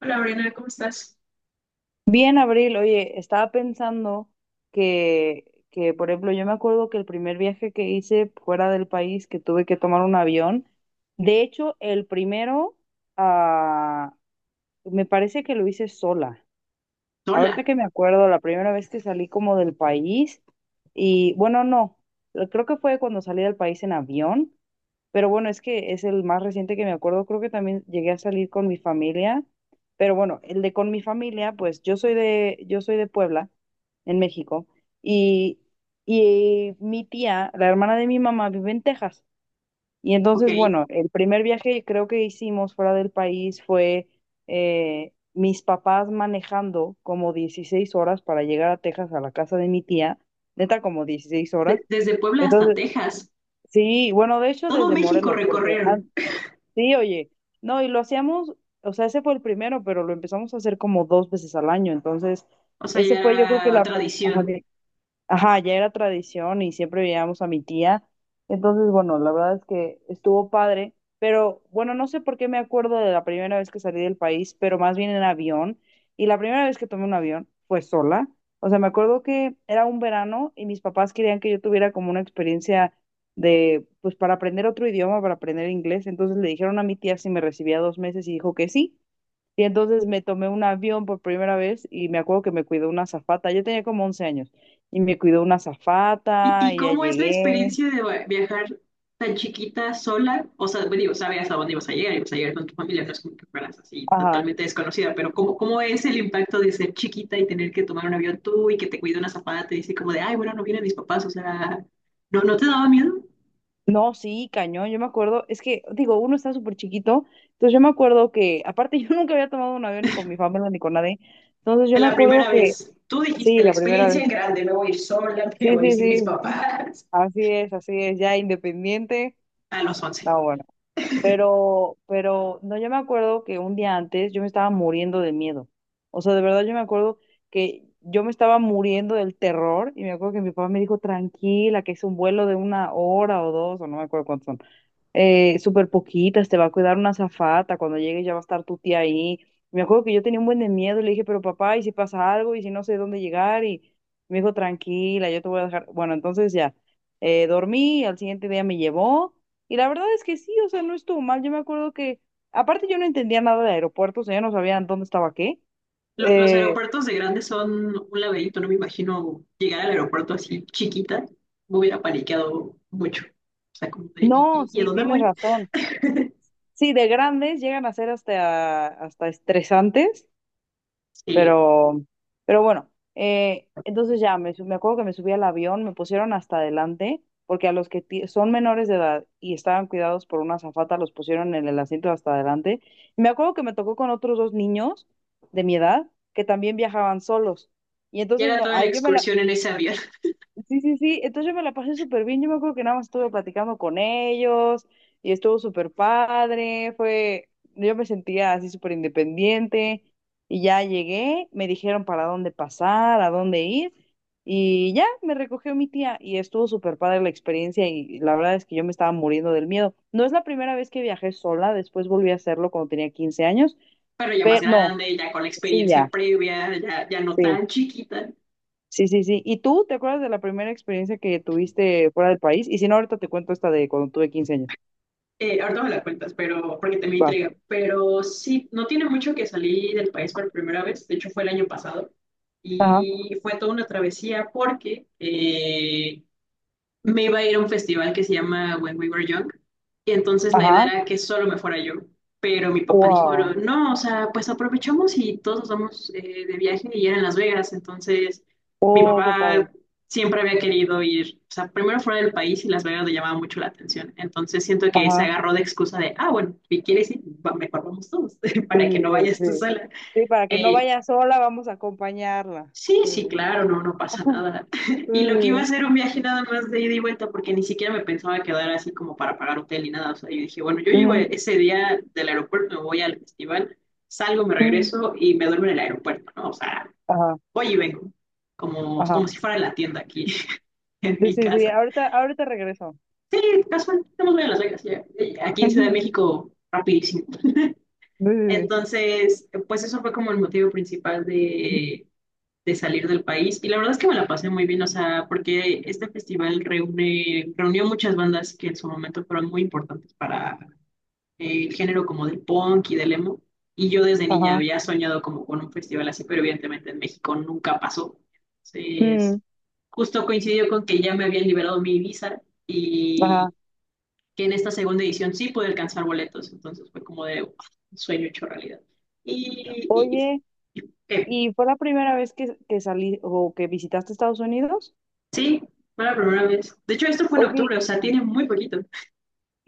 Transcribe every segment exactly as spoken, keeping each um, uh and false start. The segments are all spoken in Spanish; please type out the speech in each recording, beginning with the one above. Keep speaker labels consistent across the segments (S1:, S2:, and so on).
S1: Hola, Brena, ¿cómo estás?
S2: Bien, Abril, oye, estaba pensando que, que, por ejemplo, yo me acuerdo que el primer viaje que hice fuera del país, que tuve que tomar un avión, de hecho, el primero, ah, me parece que lo hice sola.
S1: Sola,
S2: Ahorita que me acuerdo, la primera vez que salí como del país, y bueno, no, creo que fue cuando salí del país en avión, pero bueno, es que es el más reciente que me acuerdo. Creo que también llegué a salir con mi familia. Pero bueno, el de con mi familia, pues yo soy de, yo soy de Puebla, en México, y, y mi tía, la hermana de mi mamá, vive en Texas. Y
S1: ¿ok?
S2: entonces,
S1: De-
S2: bueno, el primer viaje creo que hicimos fuera del país fue eh, mis papás manejando como dieciséis horas para llegar a Texas a la casa de mi tía, neta como dieciséis horas.
S1: desde Puebla hasta
S2: Entonces,
S1: Texas,
S2: sí, bueno, de hecho
S1: todo
S2: desde
S1: México
S2: Morelos. porque
S1: recorrieron,
S2: an- Sí, oye, no, y lo hacíamos, o sea, ese fue el primero, pero lo empezamos a hacer como dos veces al año, entonces,
S1: o sea,
S2: ese
S1: ya
S2: fue yo creo que
S1: era
S2: la, pr- ajá.
S1: tradición.
S2: Di- Ajá, ya era tradición y siempre veíamos a mi tía. Entonces, bueno, la verdad es que estuvo padre, pero bueno, no sé por qué me acuerdo de la primera vez que salí del país, pero más bien en avión. Y la primera vez que tomé un avión fue sola. O sea, me acuerdo que era un verano y mis papás querían que yo tuviera como una experiencia de, pues para aprender otro idioma, para aprender inglés. Entonces le dijeron a mi tía si me recibía dos meses y dijo que sí. Y entonces me tomé un avión por primera vez y me acuerdo que me cuidó una azafata. Yo tenía como once años y me cuidó una
S1: ¿Y,
S2: azafata
S1: y
S2: y ya
S1: cómo es la
S2: llegué.
S1: experiencia de va- viajar tan chiquita, sola? O sea, bueno, digo, sabías a dónde ibas a llegar, ibas a llegar con tu familia, no es como que fueras así
S2: Ajá.
S1: totalmente desconocida, pero ¿cómo, cómo es el impacto de ser chiquita y tener que tomar un avión tú y que te cuida una zapata, te dice como de, ay, bueno, no vienen mis papás, o sea, ¿no, no te daba miedo?
S2: No, sí, cañón. Yo me acuerdo, es que, digo, uno está súper chiquito. Entonces yo me acuerdo que, aparte, yo nunca había tomado un avión ni con mi familia ni con nadie. Entonces yo me
S1: La
S2: acuerdo
S1: primera
S2: que,
S1: vez, tú dijiste
S2: sí,
S1: la
S2: la primera
S1: experiencia
S2: vez.
S1: en grande, me voy a ir sola, me
S2: Sí,
S1: voy a ir
S2: sí,
S1: sin mis
S2: sí.
S1: papás,
S2: Así es, así es. Ya independiente.
S1: a los once.
S2: No, bueno. Pero, pero, no, yo me acuerdo que un día antes yo me estaba muriendo de miedo. O sea, de verdad yo me acuerdo que yo me estaba muriendo del terror y me acuerdo que mi papá me dijo, tranquila, que es un vuelo de una hora o dos, o no me acuerdo cuántos son, eh, súper poquitas, te va a cuidar una azafata, cuando llegues ya va a estar tu tía ahí. Me acuerdo que yo tenía un buen de miedo, le dije, pero papá, ¿y si pasa algo? ¿Y si no sé dónde llegar? Y me dijo, tranquila, yo te voy a dejar. Bueno, entonces ya, eh, dormí, al siguiente día me llevó, y la verdad es que sí, o sea, no estuvo mal. Yo me acuerdo que, aparte yo no entendía nada de aeropuertos, o sea, yo no sabía dónde estaba qué.
S1: Lo- los
S2: Eh,
S1: aeropuertos de grande son un laberinto, no me imagino llegar al aeropuerto así chiquita, me hubiera paniqueado mucho. O sea, como de, ¿y,
S2: no,
S1: y- y a
S2: sí,
S1: dónde
S2: tienes
S1: voy?
S2: razón. Sí, de grandes llegan a ser hasta, hasta estresantes.
S1: Sí,
S2: Pero, pero bueno, eh, entonces ya me, su- me acuerdo que me subí al avión, me pusieron hasta adelante, porque a los que ti- son menores de edad y estaban cuidados por una azafata, los pusieron en el asiento hasta adelante. Y me acuerdo que me tocó con otros dos niños de mi edad que también viajaban solos. Y
S1: y
S2: entonces
S1: era
S2: no,
S1: toda la
S2: ahí yo me la,
S1: excursión en ese avión,
S2: sí, sí, sí. Entonces yo me la pasé súper bien. Yo me acuerdo que nada más estuve platicando con ellos y estuvo súper padre. Fue, yo me sentía así súper independiente y ya llegué, me dijeron para dónde pasar, a dónde ir y ya me recogió mi tía y estuvo súper padre la experiencia y la verdad es que yo me estaba muriendo del miedo. No es la primera vez que viajé sola, después volví a hacerlo cuando tenía quince años,
S1: pero ya más
S2: pero no,
S1: grande, ya con la
S2: sí,
S1: experiencia
S2: ya,
S1: previa, ya, ya no
S2: sí.
S1: tan chiquita.
S2: Sí, sí, sí. ¿Y tú te acuerdas de la primera experiencia que tuviste fuera del país? Y si no, ahorita te cuento esta de cuando tuve quince años.
S1: Eh, ahorita me la cuentas, pero porque te me
S2: Va.
S1: intriga. Pero sí, no tiene mucho que salí del país por primera vez. De hecho, fue el año pasado.
S2: Ajá,
S1: Y fue toda una travesía porque eh, me iba a ir a un festival que se llama When We Were Young, y entonces la idea
S2: ajá.
S1: era que solo me fuera yo, pero mi papá dijo, no,
S2: Wow.
S1: no, o sea, pues aprovechamos y todos nos vamos eh, de viaje y era en Las Vegas, entonces mi
S2: Oh, qué padre.
S1: papá siempre había querido ir, o sea, primero fuera del país y Las Vegas le llamaba mucho la atención, entonces siento que se
S2: Ajá.
S1: agarró de excusa de, ah, bueno, si quieres ir, va- mejor vamos todos,
S2: Sí,
S1: para que no
S2: sí, sí.
S1: vayas tú
S2: Sí,
S1: sola.
S2: sí, para que no
S1: Eh,
S2: vaya sola, vamos a acompañarla.
S1: Sí,
S2: Sí.
S1: sí, claro, no, no pasa nada.
S2: Sí,
S1: Y lo que iba a
S2: sí,
S1: ser un viaje nada más de ida y vuelta, porque ni siquiera me pensaba quedar así como para pagar hotel ni nada. O sea, yo dije, bueno, yo
S2: sí.
S1: llego
S2: Ujú,
S1: ese día del aeropuerto, me voy al festival, salgo, me
S2: ujú.
S1: regreso y me duermo en el aeropuerto, ¿no? O sea,
S2: Ajá,
S1: voy y vengo, como,
S2: ajá.
S1: como si fuera la tienda aquí en
S2: Sí,
S1: mi
S2: sí, sí.
S1: casa.
S2: Ahorita, ahorita regreso.
S1: Sí, casual, estamos bien a Las Vegas, ya. Aquí en Ciudad de México, rapidísimo.
S2: Sí, sí,
S1: Entonces, pues eso fue como el motivo principal
S2: sí.
S1: de de salir del país y la verdad es que me la pasé muy bien, o sea, porque este festival reúne, reunió muchas bandas que en su momento fueron muy importantes para eh, el género como del punk y del emo y yo desde niña
S2: Ajá.
S1: había soñado como con un festival así, pero evidentemente en México nunca pasó. Entonces,
S2: Mm,
S1: justo coincidió con que ya me habían liberado mi visa
S2: ajá.
S1: y que en esta segunda edición sí pude alcanzar boletos, entonces fue como de "Uf, sueño hecho realidad". Y, y,
S2: Oye,
S1: y- y- eh,
S2: ¿y fue la primera vez que, que salí o que visitaste Estados Unidos?
S1: Sí, fue la primera vez. De hecho, esto fue en
S2: Oye,
S1: octubre, o sea, tiene muy poquito.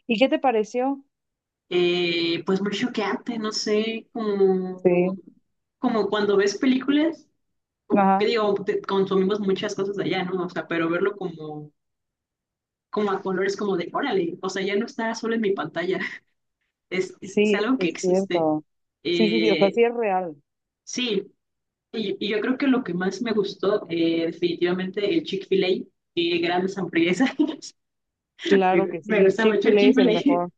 S2: ¿Y qué te pareció?
S1: Eh, pues muy choqueante, no sé, como,
S2: Sí,
S1: como cuando ves películas, o- que
S2: ajá,
S1: digo, te- consumimos muchas cosas de allá, ¿no? O sea, pero verlo como, como a colores, como de, órale, o sea, ya no está solo en mi pantalla, es, es, es
S2: sí,
S1: algo que
S2: es
S1: existe.
S2: cierto. Sí, sí, sí, o sea,
S1: Eh,
S2: sí es real.
S1: sí, y, y yo creo que lo que más me gustó, eh, definitivamente, el Chick-fil-A, qué grandes hamburguesas.
S2: Claro
S1: Me,
S2: que
S1: me
S2: sí.
S1: gusta mucho el
S2: Chick-fil-A es el
S1: Chick-fil-A.
S2: mejor,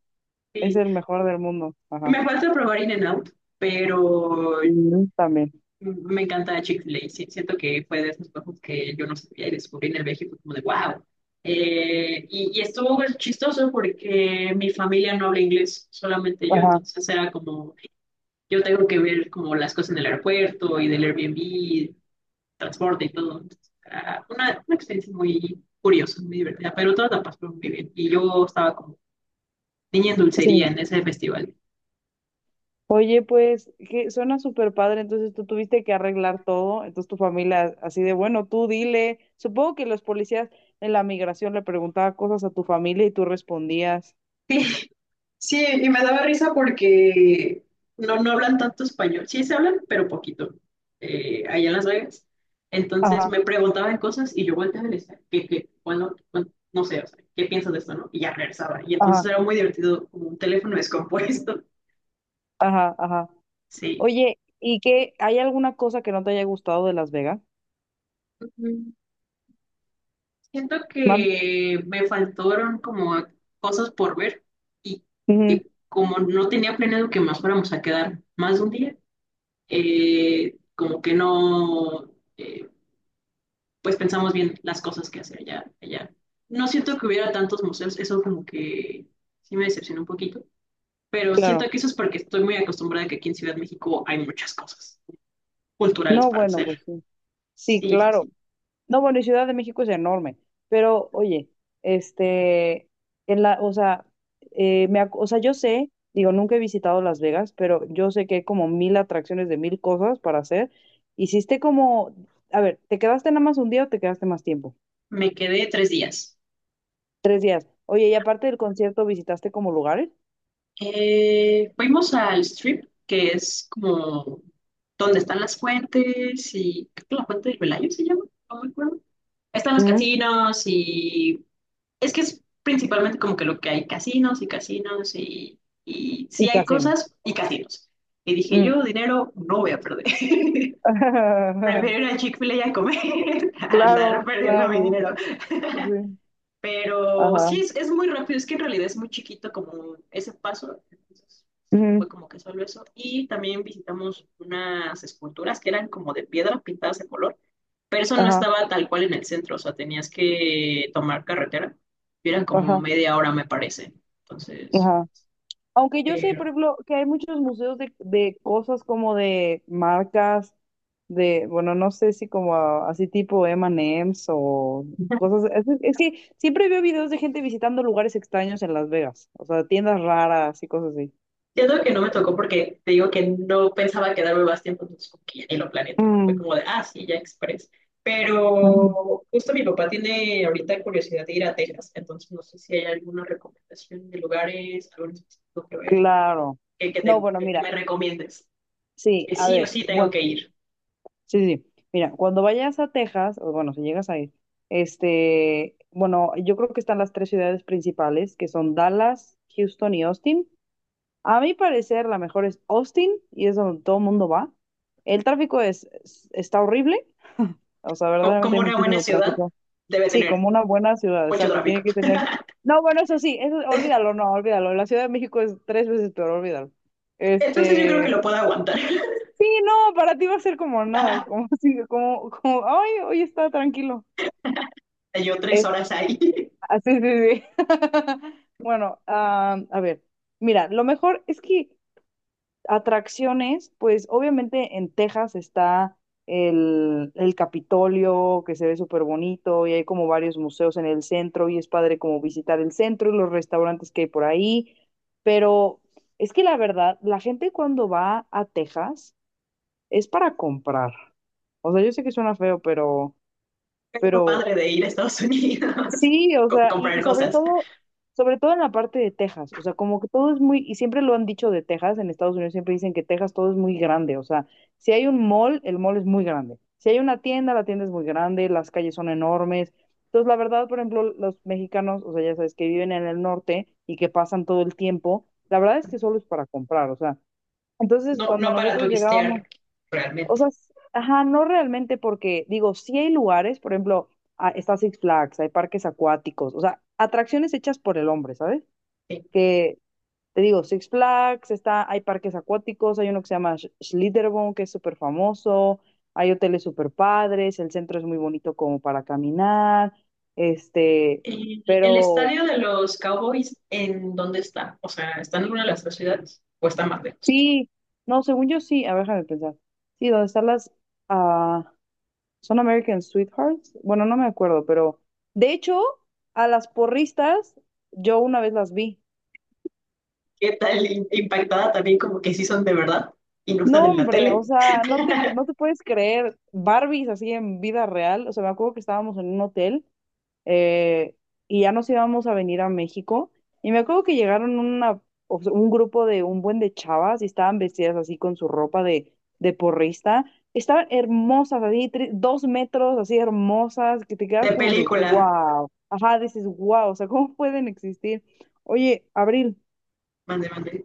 S2: es
S1: Y,
S2: el mejor del mundo. Ajá.
S1: me falta probar In and Out, pero
S2: Ujú, También.
S1: me encanta Chick-fil-A. Sí, siento que fue de esos juegos que yo no sabía y descubrí en el viaje y fue como de wow. Eh, y, y estuvo chistoso porque mi familia no habla inglés, solamente yo.
S2: Ajá,
S1: Entonces era como, yo tengo que ver como las cosas en el aeropuerto y del Airbnb, transporte y todo. Entonces, era una, una experiencia muy curiosa, muy divertida, pero todas la pasó muy bien. Y yo estaba como niña en dulcería
S2: sí.
S1: en ese festival.
S2: Oye, pues, que suena súper padre, entonces tú tuviste que arreglar todo, entonces tu familia así de, bueno, tú dile, supongo que los policías en la migración le preguntaban cosas a tu familia y tú respondías.
S1: Sí, y me daba risa porque no, no hablan tanto español. Sí, se hablan, pero poquito. Eh, allá en Las Vegas. Entonces
S2: Ajá,
S1: me preguntaban cosas y yo volteaba y le decía, ¿qué, qué? Bueno, bueno, no sé, o sea, ¿qué piensas de esto, no? Y ya regresaba. Y
S2: ajá,
S1: entonces era muy divertido, como un teléfono descompuesto.
S2: ajá, ajá.
S1: Sí.
S2: Oye, ¿y qué, hay alguna cosa que no te haya gustado de Las Vegas?
S1: Ujú. Siento que me faltaron como cosas por ver y
S2: Ujú,
S1: que como no tenía planeado que nos fuéramos a quedar más de un día, eh, como que no. eh, pues pensamos bien las cosas que hacer allá, allá. No siento que hubiera tantos museos, eso como que sí me decepcionó un poquito, pero siento
S2: claro.
S1: que eso es porque estoy muy acostumbrada a que aquí en Ciudad de México hay muchas cosas culturales
S2: No,
S1: para
S2: bueno, pues
S1: hacer.
S2: sí. Sí,
S1: Sí, sí,
S2: claro.
S1: sí.
S2: No, bueno, y Ciudad de México es enorme. Pero, oye, este, en la, o sea, eh, me, ac- o sea, yo sé, digo, nunca he visitado Las Vegas, pero yo sé que hay como mil atracciones de mil cosas para hacer. Hiciste como, a ver, ¿te quedaste nada más un día o te quedaste más tiempo?
S1: Me quedé tres días.
S2: Tres días. Oye, y aparte del concierto, ¿visitaste como lugares?
S1: Eh, fuimos al Strip, que es como donde están las fuentes y creo que la fuente del Velayo se llama, no me acuerdo. Están los
S2: Mm,
S1: casinos y es que es principalmente como que lo que hay casinos y casinos y, y sí
S2: y
S1: hay
S2: casino.
S1: cosas y casinos. Y dije,
S2: Mm.
S1: yo dinero no voy a perder. Prefiero ir a Chick-fil-A y a comer, a andar
S2: Claro,
S1: perdiendo mi
S2: claro.
S1: dinero.
S2: Sí.
S1: Pero
S2: Ajá.
S1: sí, es, es muy rápido, es que en realidad es muy chiquito como ese paso. Entonces
S2: Ujú,
S1: fue como que solo eso. Y también visitamos unas esculturas que eran como de piedra pintadas de color, pero eso no
S2: Ajá.
S1: estaba tal cual en el centro, o sea, tenías que tomar carretera. Y eran como
S2: Ajá,
S1: media hora, me parece. Entonces,
S2: ajá. Aunque yo sé, por
S1: pero...
S2: ejemplo, que hay muchos museos de, de cosas como de marcas, de, bueno, no sé si como ah, así tipo M y M's o cosas. Es, es que siempre veo videos de gente visitando lugares extraños en Las Vegas, o sea, tiendas raras y cosas así.
S1: Siento que no me tocó porque te digo que no pensaba quedarme más tiempo, entonces como que ya ni lo planeé tanto. Fue
S2: Mm,
S1: como de, ah, sí, ya express.
S2: ujú.
S1: Pero justo mi papá tiene ahorita curiosidad de ir a Texas, entonces no sé si hay alguna recomendación de lugares, algo en específico que ver,
S2: Claro.
S1: que, que,
S2: No,
S1: te-
S2: bueno,
S1: que- que
S2: mira,
S1: me recomiendes.
S2: sí,
S1: Que
S2: a
S1: sí o
S2: ver,
S1: sí tengo
S2: bueno.
S1: que ir.
S2: Sí, sí. Sí. Mira, cuando vayas a Texas, o bueno, si llegas a ir, este, bueno, yo creo que están las tres ciudades principales, que son Dallas, Houston y Austin. A mi parecer, la mejor es Austin y es donde todo el mundo va. El tráfico es, es- está horrible, o sea,
S1: O,
S2: verdaderamente
S1: como
S2: hay
S1: una buena
S2: muchísimo
S1: ciudad,
S2: tráfico.
S1: debe
S2: Sí,
S1: tener
S2: como una buena ciudad,
S1: mucho
S2: exacto, tiene
S1: tráfico.
S2: que tener. No, bueno, eso sí, eso, olvídalo, no, olvídalo. La Ciudad de México es tres veces peor, olvídalo.
S1: Entonces yo creo que
S2: Este,
S1: lo puedo aguantar.
S2: no, para ti va a ser como nada, como así, como, como, ay, hoy está tranquilo.
S1: Yo tres
S2: Es,
S1: horas ahí.
S2: así, sí, sí. Bueno, ah, a ver, mira, lo mejor es que atracciones, pues obviamente en Texas está el, el Capitolio, que se ve súper bonito, y hay como varios museos en el centro, y es padre como visitar el centro y los restaurantes que hay por ahí, pero es que la verdad, la gente cuando va a Texas, es para comprar. O sea, yo sé que suena feo, pero,
S1: Es lo
S2: pero
S1: padre de ir a Estados Unidos,
S2: sí, o
S1: co-
S2: sea, y, y
S1: comprar
S2: sobre
S1: cosas.
S2: todo, sobre todo en la parte de Texas, o sea, como que todo es muy, y siempre lo han dicho de Texas, en Estados Unidos siempre dicen que Texas todo es muy grande, o sea, si hay un mall, el mall es muy grande, si hay una tienda, la tienda es muy grande, las calles son enormes. Entonces, la verdad, por ejemplo, los mexicanos, o sea, ya sabes, que viven en el norte y que pasan todo el tiempo, la verdad es que solo es para comprar, o sea, entonces
S1: No,
S2: cuando
S1: no para
S2: nosotros llegábamos.
S1: turistear,
S2: O
S1: realmente.
S2: sea, s- ajá, no realmente porque, digo, sí hay lugares, por ejemplo, ah, está Six Flags, hay parques acuáticos, o sea, atracciones hechas por el hombre, ¿sabes?
S1: Sí.
S2: Que, te digo, Six Flags, está, hay parques acuáticos, hay uno que se llama Sch- Schlitterbahn, que es súper famoso, hay hoteles súper padres, el centro es muy bonito como para caminar, este,
S1: ¿El, el
S2: pero
S1: estadio de los Cowboys en dónde está? O sea, ¿está en alguna de las tres ciudades o está más lejos?
S2: sí, no, según yo sí, a ver, déjame pensar, sí, donde están las, ah, Son American Sweethearts. Bueno, no me acuerdo, pero de hecho, a las porristas yo una vez las vi.
S1: ¿Qué tal in- impactada también como que sí son de verdad y no están
S2: No,
S1: en la
S2: hombre, o
S1: tele?
S2: sea, no te, no te puedes creer Barbies así en vida real. O sea, me acuerdo que estábamos en un hotel, eh, y ya nos íbamos a venir a México. Y me acuerdo que llegaron una, o sea, un grupo de un buen de chavas y estaban vestidas así con su ropa de, de porrista. Estaban hermosas, así, tre- dos metros, así hermosas, que te
S1: De
S2: quedas como de
S1: película.
S2: wow. Ajá, dices wow, o sea, ¿cómo pueden existir? Oye, Abril,
S1: Mande, mande.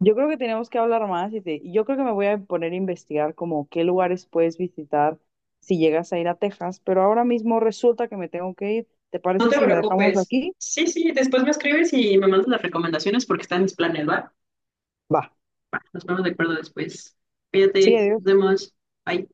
S2: yo creo que tenemos que hablar más y te- yo creo que me voy a poner a investigar como qué lugares puedes visitar si llegas a ir a Texas, pero ahora mismo resulta que me tengo que ir. ¿Te
S1: No
S2: parece
S1: te
S2: si la dejamos
S1: preocupes.
S2: aquí?
S1: Sí, sí, después me escribes y me mandas las recomendaciones porque están mis planes, ¿va?
S2: Va.
S1: Va, nos ponemos de acuerdo después.
S2: Sí,
S1: Cuídate, nos
S2: adiós.
S1: vemos. Bye.